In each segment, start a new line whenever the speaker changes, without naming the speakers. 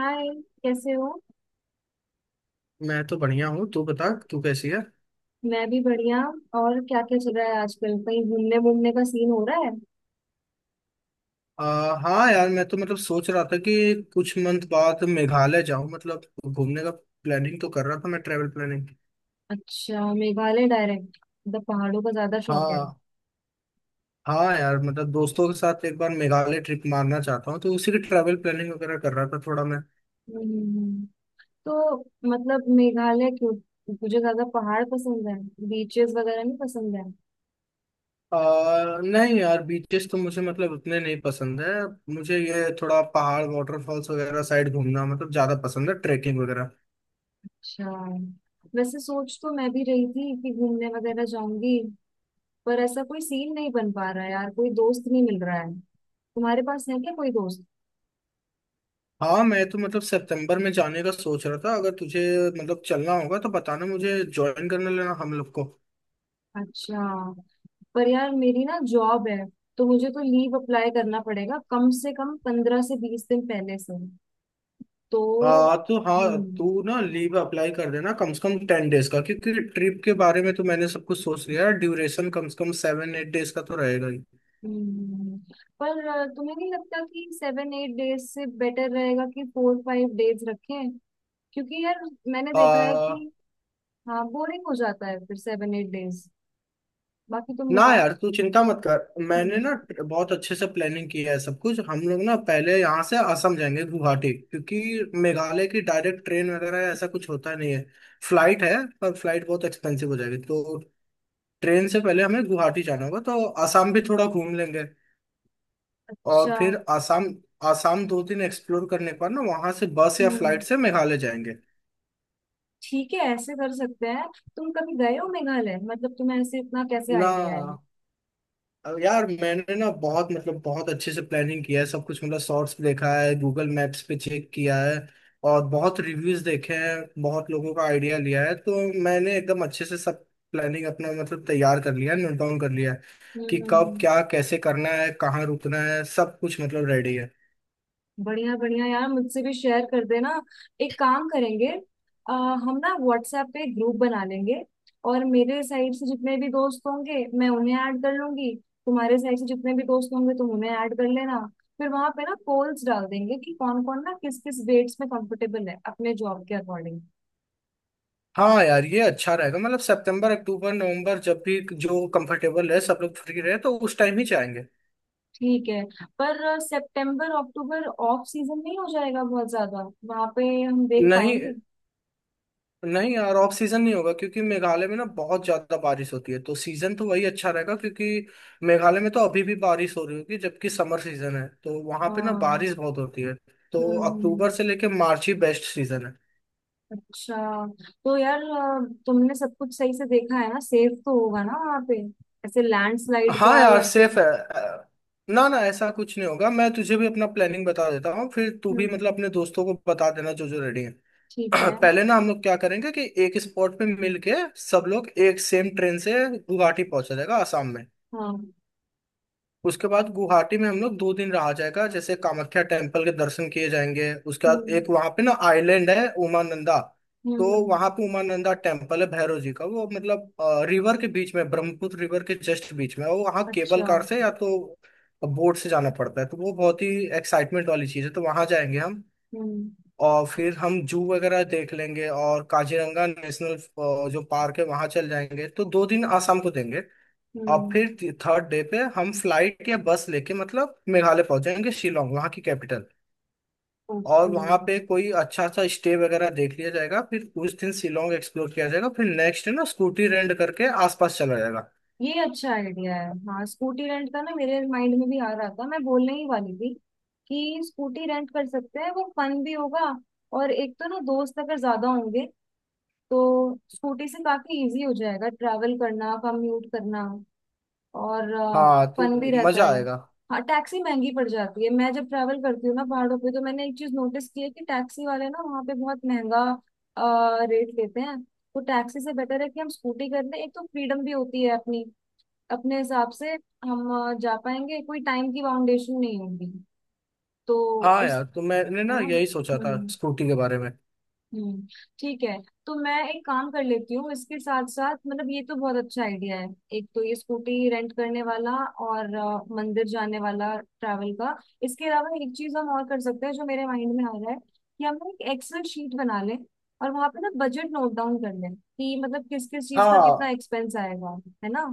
हाय। कैसे हो?
मैं तो बढ़िया हूँ। तू बता, तू कैसी है?
मैं भी बढ़िया। और क्या क्या चल रहा है आजकल, कहीं घूमने घूमने का सीन हो रहा है?
आ, हाँ यार, मैं तो मतलब सोच रहा था कि कुछ मंथ बाद मेघालय जाऊँ, मतलब घूमने का प्लानिंग तो कर रहा था मैं, ट्रेवल प्लानिंग।
अच्छा, मेघालय डायरेक्ट? मतलब पहाड़ों का ज्यादा शौक है?
हाँ। हाँ यार, मतलब दोस्तों के साथ एक बार मेघालय ट्रिप मारना चाहता हूँ, तो उसी की ट्रैवल प्लानिंग वगैरह कर रहा था थोड़ा मैं।
हम्म। तो मतलब मेघालय क्यों? मुझे ज्यादा पहाड़ पसंद है, बीचेस वगैरह नहीं पसंद है।
नहीं यार, बीचेस तो मुझे मतलब उतने नहीं पसंद है। मुझे ये थोड़ा पहाड़, वाटरफॉल्स वगैरह साइड घूमना मतलब ज्यादा पसंद है, ट्रेकिंग वगैरह।
अच्छा। वैसे सोच तो मैं भी रही थी कि घूमने वगैरह जाऊंगी, पर ऐसा कोई सीन नहीं बन पा रहा है यार, कोई दोस्त नहीं मिल रहा है। तुम्हारे पास है क्या कोई दोस्त?
हाँ, मैं तो मतलब सितंबर में जाने का सोच रहा था। अगर तुझे मतलब चलना होगा तो बताना, मुझे ज्वाइन करने लेना हम लोग को।
अच्छा। पर यार मेरी ना जॉब है, तो मुझे तो लीव अप्लाई करना पड़ेगा कम से कम 15 से 20 दिन पहले से। तो
तो हाँ,
हम्म।
तू ना लीव अप्लाई कर देना कम से कम 10 days का, क्योंकि ट्रिप के बारे में तो मैंने सब कुछ सोच लिया है। ड्यूरेशन कम से कम 7-8 days का तो रहेगा ही।
हम्म। पर तुम्हें नहीं लगता कि 7 8 डेज से बेटर रहेगा कि 4 5 डेज रखें? क्योंकि यार मैंने देखा है
आ,
कि हाँ बोरिंग हो जाता है फिर 7 8 डेज। बाकी तुम
ना
बताओ।
यार, तू चिंता मत कर, मैंने
हम्म।
ना बहुत अच्छे से प्लानिंग की है सब कुछ। हम लोग ना पहले यहाँ से असम जाएंगे, गुवाहाटी, क्योंकि मेघालय की डायरेक्ट ट्रेन वगैरह ऐसा कुछ होता नहीं है। फ्लाइट है, पर फ्लाइट बहुत एक्सपेंसिव हो जाएगी, तो ट्रेन से पहले हमें गुवाहाटी जाना होगा। तो असम भी थोड़ा घूम लेंगे। और
अच्छा।
फिर असम असम 2 दिन एक्सप्लोर करने पर ना वहां से बस या फ्लाइट
हम्म।
से मेघालय जाएंगे।
ठीक है, ऐसे कर सकते हैं। तुम कभी गए हो मेघालय? मतलब तुम्हें ऐसे इतना कैसे
ना,
आइडिया है? हम्म।
अब यार मैंने ना बहुत, मतलब बहुत अच्छे से प्लानिंग किया है सब कुछ। मतलब शॉर्ट्स देखा है, गूगल मैप्स पे चेक किया है, और बहुत रिव्यूज देखे हैं, बहुत लोगों का आइडिया लिया है। तो मैंने एकदम अच्छे से सब प्लानिंग अपना मतलब तैयार कर लिया है, नोट डाउन कर लिया है कि
हम्म
कब क्या
हम्म।
कैसे करना है, कहाँ रुकना है, सब कुछ मतलब रेडी है।
बढ़िया बढ़िया यार, मुझसे भी शेयर कर देना। एक काम करेंगे, आ, हम ना व्हाट्सएप पे ग्रुप बना लेंगे, और मेरे साइड से जितने भी दोस्त होंगे मैं उन्हें ऐड कर लूंगी, तुम्हारे साइड से जितने भी दोस्त होंगे तुम उन्हें ऐड कर लेना। फिर वहां पे ना पोल्स डाल देंगे कि कौन कौन ना किस किस वेट्स में कंफर्टेबल है अपने जॉब के अकॉर्डिंग।
हाँ यार, ये अच्छा रहेगा। मतलब सितंबर, अक्टूबर, नवंबर, जब भी जो कंफर्टेबल है सब लोग, फ्री रहे, तो उस टाइम ही जाएंगे।
ठीक है। पर सितंबर अक्टूबर ऑफ सीजन नहीं हो जाएगा, बहुत ज्यादा वहां पे हम देख
नहीं।
पाएंगे?
नहीं यार, ऑफ सीजन नहीं होगा, क्योंकि मेघालय में ना बहुत ज्यादा बारिश होती है, तो सीजन तो वही अच्छा रहेगा। क्योंकि मेघालय में तो अभी भी बारिश हो रही होगी, जबकि समर सीजन है, तो वहां पे ना
हाँ।
बारिश बहुत होती है।
हम्म
तो अक्टूबर
हम्म।
से लेके मार्च ही बेस्ट सीजन है।
अच्छा। तो यार तुमने सब कुछ सही से देखा है ना? सेफ तो होगा ना वहाँ पे, ऐसे लैंडस्लाइड
हाँ
का
यार,
या फिर?
सेफ है। ना ना, ऐसा कुछ नहीं होगा। मैं तुझे भी अपना प्लानिंग बता देता हूँ, फिर तू भी
हम्म।
मतलब अपने दोस्तों को बता देना जो जो रेडी है।
ठीक है।
पहले ना हम लोग क्या करेंगे कि एक स्पॉट पे मिलके सब लोग एक सेम ट्रेन से गुवाहाटी पहुंचा जाएगा, आसाम में।
हाँ।
उसके बाद गुवाहाटी में हम लोग 2 दिन रहा जाएगा। जैसे कामाख्या टेम्पल के दर्शन किए जाएंगे, उसके बाद
हम्म।
एक वहां पे ना आइलैंड है, उमानंदा।
हम्म।
तो वहां पे उमानंदा टेम्पल है, भैरव जी का। वो मतलब रिवर के बीच में, ब्रह्मपुत्र रिवर के जस्ट बीच में है। वो वहाँ केबल
अच्छा।
कार से या तो बोट से जाना पड़ता है। तो वो बहुत ही एक्साइटमेंट वाली चीज है, तो वहां जाएंगे हम।
हम्म।
और फिर हम जू वगैरह देख लेंगे और काजीरंगा नेशनल जो पार्क है वहां चल जाएंगे। तो 2 दिन आसाम को देंगे। और
हम्म।
फिर थर्ड डे पे हम फ्लाइट या बस लेके मतलब मेघालय पहुंच जाएंगे, शिलोंग, वहाँ की कैपिटल। और
ओके।
वहाँ पे कोई अच्छा सा स्टे वगैरह देख लिया जाएगा। फिर उस दिन शिलोंग एक्सप्लोर किया जाएगा। फिर नेक्स्ट डे ना स्कूटी रेंट करके आसपास चला जाएगा।
ये अच्छा आइडिया है, हाँ, स्कूटी रेंट का ना मेरे माइंड में भी आ रहा था, मैं बोलने ही वाली थी कि स्कूटी रेंट कर सकते हैं, वो फन भी होगा। और एक तो ना दोस्त अगर ज्यादा होंगे तो स्कूटी से काफी इजी हो जाएगा ट्रैवल करना कम्यूट करना। और
हाँ,
फन भी
तो
रहता
मजा
है।
आएगा।
हाँ, टैक्सी महंगी पड़ जाती है, मैं जब ट्रैवल करती हूँ ना पहाड़ों पे तो मैंने एक चीज नोटिस की है कि टैक्सी वाले ना वहाँ पे बहुत महंगा रेट लेते हैं। तो टैक्सी से बेटर है कि हम स्कूटी कर लें, एक तो फ्रीडम भी होती है अपनी, अपने हिसाब से हम जा पाएंगे, कोई टाइम की बाउंडेशन नहीं होगी। तो
हाँ
उस,
यार, तो मैंने
है
ना
ना।
यही सोचा था
हम्म।
स्कूटी के बारे में।
हम्म। ठीक है। तो मैं एक काम कर लेती हूँ, इसके साथ साथ मतलब ये तो बहुत अच्छा आइडिया है। एक तो ये स्कूटी रेंट करने वाला, और मंदिर जाने वाला ट्रैवल का। इसके अलावा एक चीज हम और कर सकते हैं जो मेरे माइंड में आ रहा है कि हम ना एक एक्सेल शीट बना लें, और वहां पे ना बजट नोट डाउन कर लें कि मतलब किस किस चीज का कितना
हाँ।
एक्सपेंस आएगा, है ना।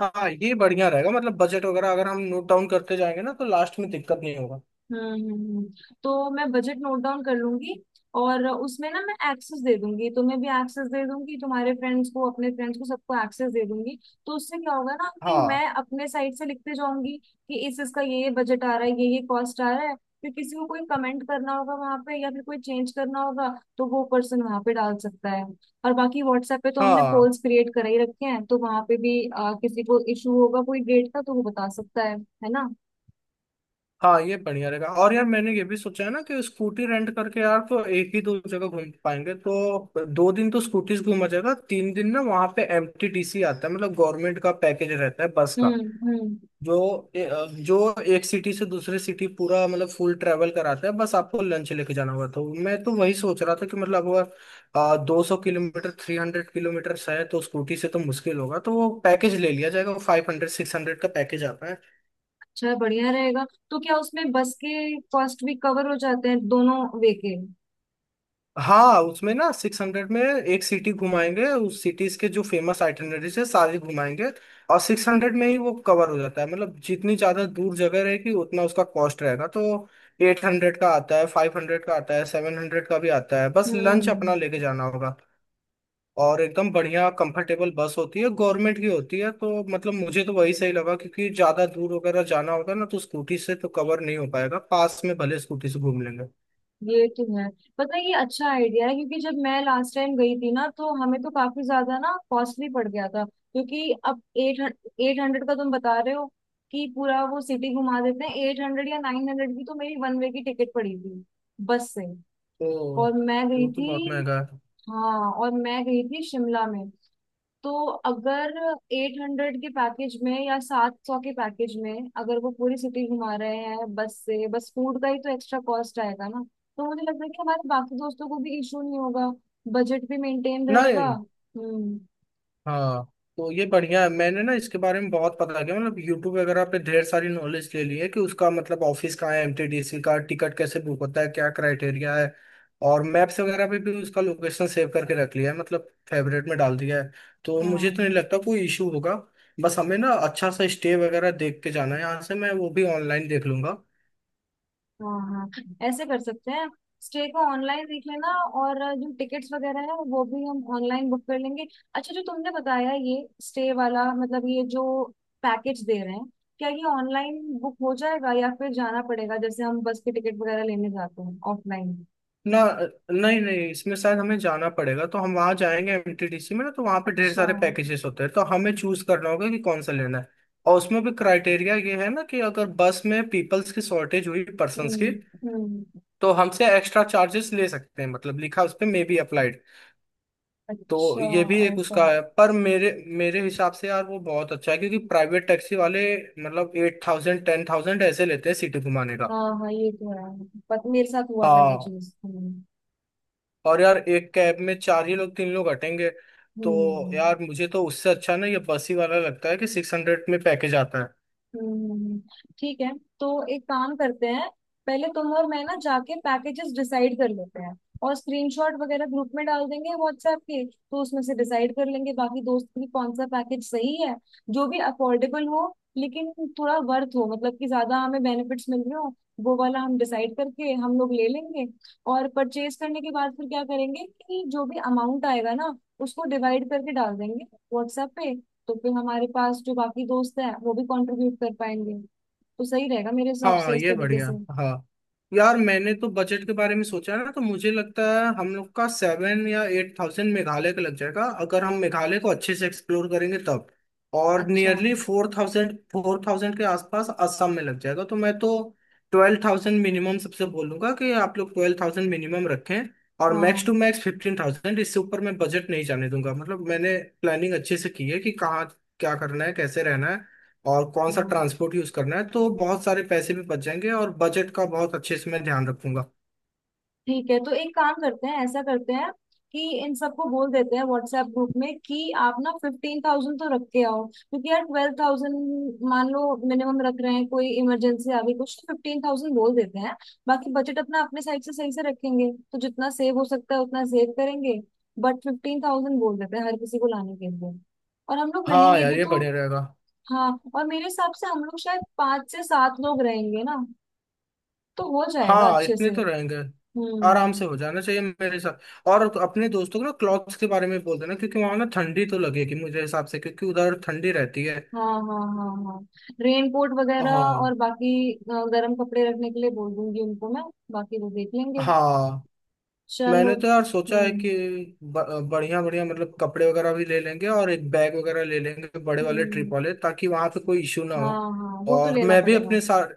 हाँ, ये बढ़िया रहेगा। मतलब बजट वगैरह अगर हम नोट डाउन करते जाएंगे ना तो लास्ट में दिक्कत नहीं होगा।
हम्म हम्म, हम्म। तो मैं बजट नोट डाउन कर लूंगी, और उसमें ना मैं एक्सेस दे दूंगी, तुम्हें भी एक्सेस दे दूंगी, तुम्हारे फ्रेंड्स को, अपने फ्रेंड्स को, सबको एक्सेस दे दूंगी। तो उससे क्या होगा ना कि
हाँ।
मैं अपने साइड से लिखते जाऊंगी कि इस इसका ये बजट आ रहा है, ये कॉस्ट आ रहा है। फिर किसी को कोई कमेंट करना होगा वहां पे या फिर कोई चेंज करना होगा तो वो पर्सन वहां पे डाल सकता है। और बाकी व्हाट्सएप पे तो हमने
हाँ।
पोल्स क्रिएट कर ही रखे हैं तो वहां पे भी किसी को इशू होगा कोई डेट का तो वो बता सकता है ना।
हाँ ये बढ़िया रहेगा। और यार मैंने ये भी सोचा है ना कि स्कूटी रेंट करके यार तो एक ही दो जगह घूम पाएंगे, तो दो दिन तो स्कूटीज घूमा जाएगा, 3 दिन ना वहाँ पे MTTC आता है, मतलब गवर्नमेंट का पैकेज रहता है बस का।
हम्म। हम्म।
जो जो एक सिटी से दूसरे सिटी पूरा मतलब फुल ट्रेवल कराता है। बस आपको लंच लेके जाना होगा। तो मैं तो वही सोच रहा था कि मतलब अगर 200 किलोमीटर, 300 किलोमीटर है, तो स्कूटी से तो मुश्किल होगा, तो वो पैकेज ले लिया जाएगा। 500, 600 का पैकेज आता है।
अच्छा, बढ़िया रहेगा। तो क्या उसमें बस के कॉस्ट भी कवर हो जाते हैं दोनों वे के?
हाँ, उसमें ना 600 में एक सिटी घुमाएंगे, उस सिटीज के जो फेमस आइटनरीज है सारी घुमाएंगे, और 600 में ही वो कवर हो जाता है। मतलब जितनी ज्यादा दूर जगह रहेगी उतना उसका कॉस्ट रहेगा। तो 800 का आता है, 500 का आता है, 700 का भी आता है। बस लंच
हम्म।
अपना लेके जाना होगा। और एकदम बढ़िया कंफर्टेबल बस होती है, गवर्नमेंट की होती है, तो मतलब मुझे तो वही सही लगा। क्योंकि ज्यादा दूर वगैरह जाना होगा ना, तो स्कूटी से तो कवर नहीं हो पाएगा, पास में भले स्कूटी से घूम लेंगे।
ये तो है, पता है ये अच्छा आइडिया है, क्योंकि जब मैं लास्ट टाइम गई थी ना तो हमें तो काफी ज्यादा ना कॉस्टली पड़ गया था, क्योंकि अब एट एट हंड्रेड का तुम बता रहे हो कि पूरा वो सिटी घुमा देते हैं, 800 या 900 की तो मेरी वन वे की टिकट पड़ी थी बस से,
तो
और मैं
वो
गई
तो बहुत
थी।
महंगा है।
हाँ, और मैं गई थी शिमला में। तो अगर 800 के पैकेज में या 700 के पैकेज में अगर वो पूरी सिटी घुमा रहे हैं बस से, बस फूड का ही तो एक्स्ट्रा कॉस्ट आएगा ना। तो मुझे लगता है कि हमारे बाकी दोस्तों को भी इशू नहीं होगा, बजट भी मेंटेन रहेगा।
नहीं।
हम्म।
हाँ, तो ये बढ़िया है। मैंने ना इसके बारे में बहुत पता किया, मतलब यूट्यूब वगैरह पे ढेर सारी नॉलेज ले ली है कि उसका मतलब ऑफिस कहाँ है, एमटीडीसी का टिकट कैसे बुक होता है, क्या क्राइटेरिया है। और मैप्स वगैरह पे भी उसका लोकेशन सेव करके रख लिया है, मतलब फेवरेट में डाल दिया है। तो मुझे तो नहीं
हाँ
लगता कोई इशू होगा। बस हमें ना अच्छा सा स्टे वगैरह देख के जाना है, यहाँ से मैं वो भी ऑनलाइन देख लूंगा।
हाँ हाँ, ऐसे कर सकते हैं, स्टे को ऑनलाइन देख लेना, और जो टिकट्स वगैरह है वो भी हम ऑनलाइन बुक कर लेंगे। अच्छा, जो तुमने बताया ये स्टे वाला, मतलब ये जो पैकेज दे रहे हैं, क्या ये ऑनलाइन बुक हो जाएगा या फिर जाना पड़ेगा जैसे हम बस के टिकट वगैरह लेने जाते हैं ऑफलाइन?
ना। नहीं नहीं, इसमें शायद हमें जाना पड़ेगा, तो हम वहां जाएंगे MTDC में। ना, तो वहां पे ढेर
अच्छा।
सारे पैकेजेस होते हैं, तो हमें चूज करना होगा कि कौन सा लेना है। और उसमें भी क्राइटेरिया ये है ना कि अगर बस में पीपल्स की शॉर्टेज हुई, पर्संस की,
हम्म। हम्म।
तो हमसे एक्स्ट्रा चार्जेस ले सकते हैं, मतलब लिखा उस पे मे बी अप्लाइड। तो
अच्छा,
ये भी एक
ऐसा।
उसका है। पर मेरे मेरे हिसाब से यार वो बहुत अच्छा है, क्योंकि प्राइवेट टैक्सी वाले मतलब 8000, 10000 ऐसे लेते हैं सिटी घुमाने का।
हाँ हाँ, ये तो है, पर मेरे साथ हुआ था ये
हाँ,
चीज। हम्म।
और यार एक कैब में चार ही लोग, तीन लोग हटेंगे। तो
हम्म।
यार मुझे तो उससे अच्छा ना ये बस ही वाला लगता है कि 600 में पैकेज आता है।
हम्म। ठीक है। तो एक काम करते हैं, पहले तुम और मैं ना जाके पैकेजेस डिसाइड कर लेते हैं, और स्क्रीनशॉट वगैरह ग्रुप में डाल देंगे व्हाट्सएप के, तो उसमें से डिसाइड कर लेंगे बाकी दोस्त भी कौन सा पैकेज सही है, जो भी अफोर्डेबल हो, लेकिन थोड़ा वर्थ हो मतलब कि ज्यादा हमें बेनिफिट्स मिल रहे हो, वो वाला हम डिसाइड करके हम लोग ले लेंगे। और परचेज करने के बाद फिर क्या करेंगे कि जो भी अमाउंट आएगा ना उसको डिवाइड करके डाल देंगे व्हाट्सएप पे, तो फिर हमारे पास जो बाकी दोस्त हैं वो भी कंट्रीब्यूट कर पाएंगे। तो सही रहेगा मेरे हिसाब से
हाँ
इस
ये
तरीके
बढ़िया।
से।
हाँ यार, मैंने तो बजट के बारे में सोचा ना, तो मुझे लगता है हम लोग का 7 या 8 हज़ार मेघालय का लग जाएगा, अगर हम मेघालय को अच्छे से एक्सप्लोर करेंगे तब। और
अच्छा।
नियरली फोर थाउजेंड के आसपास असम में लग जाएगा। तो मैं तो 12000 मिनिमम सबसे बोलूंगा कि आप लोग 12000 मिनिमम रखें, और मैक्स टू
हाँ
मैक्स 15000। इससे ऊपर मैं बजट नहीं जाने दूंगा। मतलब मैंने प्लानिंग अच्छे से की है कि कहाँ क्या करना है, कैसे रहना है, और कौन सा
हाँ।
ट्रांसपोर्ट यूज करना है, तो बहुत सारे पैसे भी बच जाएंगे और बजट का बहुत अच्छे से मैं ध्यान रखूंगा।
ठीक है, तो एक काम करते हैं, ऐसा करते हैं कि इन सबको बोल देते हैं व्हाट्सएप ग्रुप में कि आप ना 15,000 तो रख के आओ, क्योंकि यार 12,000 मान लो मिनिमम रख रहे हैं, कोई इमरजेंसी आ गई कुछ, तो 15,000 बोल देते हैं। बाकी बजट अपना अपने साइड से सही से रखेंगे तो जितना सेव हो सकता है उतना सेव करेंगे, बट 15,000 बोल देते हैं हर किसी को लाने के लिए, और हम लोग
हाँ
रहेंगे
यार,
भी
ये
तो।
बढ़िया रहेगा।
हाँ। और मेरे हिसाब से हम लोग शायद 5 से 7 लोग रहेंगे ना, तो हो जाएगा
हाँ
अच्छे से।
इतने तो रहेंगे,
हम्म।
आराम से हो जाना चाहिए मेरे साथ। और अपने दोस्तों को ना क्लॉथ्स के बारे में बोल देना, क्योंकि वहां ना ठंडी तो लगेगी मुझे हिसाब से, क्योंकि उधर ठंडी रहती है।
हाँ हाँ हाँ हाँ, रेनकोट वगैरह, और
हाँ।
बाकी गर्म कपड़े रखने के लिए बोल दूंगी उनको मैं, बाकी वो देख लेंगे।
हाँ,
चलो।
मैंने तो यार सोचा है कि
हम्म
बढ़िया बढ़िया मतलब कपड़े वगैरह भी ले लेंगे, और एक बैग वगैरह ले लेंगे बड़े वाले ट्रिप
हम्म।
वाले, ताकि वहां पे कोई इशू ना
हाँ
हो।
हाँ, वो तो
और
लेना पड़ेगा।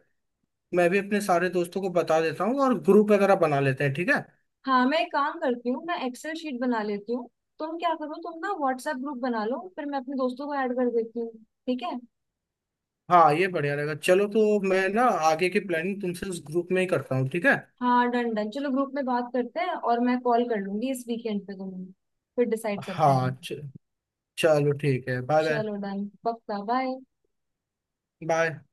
मैं भी अपने सारे दोस्तों को बता देता हूँ, और ग्रुप वगैरह बना लेते हैं, ठीक है।
हाँ, मैं एक काम करती हूँ, मैं एक्सेल शीट बना लेती हूँ, तुम क्या करो तुम ना व्हाट्सएप ग्रुप बना लो, फिर मैं अपने दोस्तों को ऐड कर देती हूँ, ठीक है।
हाँ ये बढ़िया रहेगा। चलो, तो मैं ना आगे की प्लानिंग तुमसे उस ग्रुप में ही करता हूँ, ठीक है।
हाँ डन डन, चलो ग्रुप में बात करते हैं, और मैं कॉल कर लूंगी इस वीकेंड पे तुम्हें, फिर डिसाइड करते
हाँ
हैं।
चलो ठीक है, बाय बाय।
चलो डन पक्का, बाय।
बाय।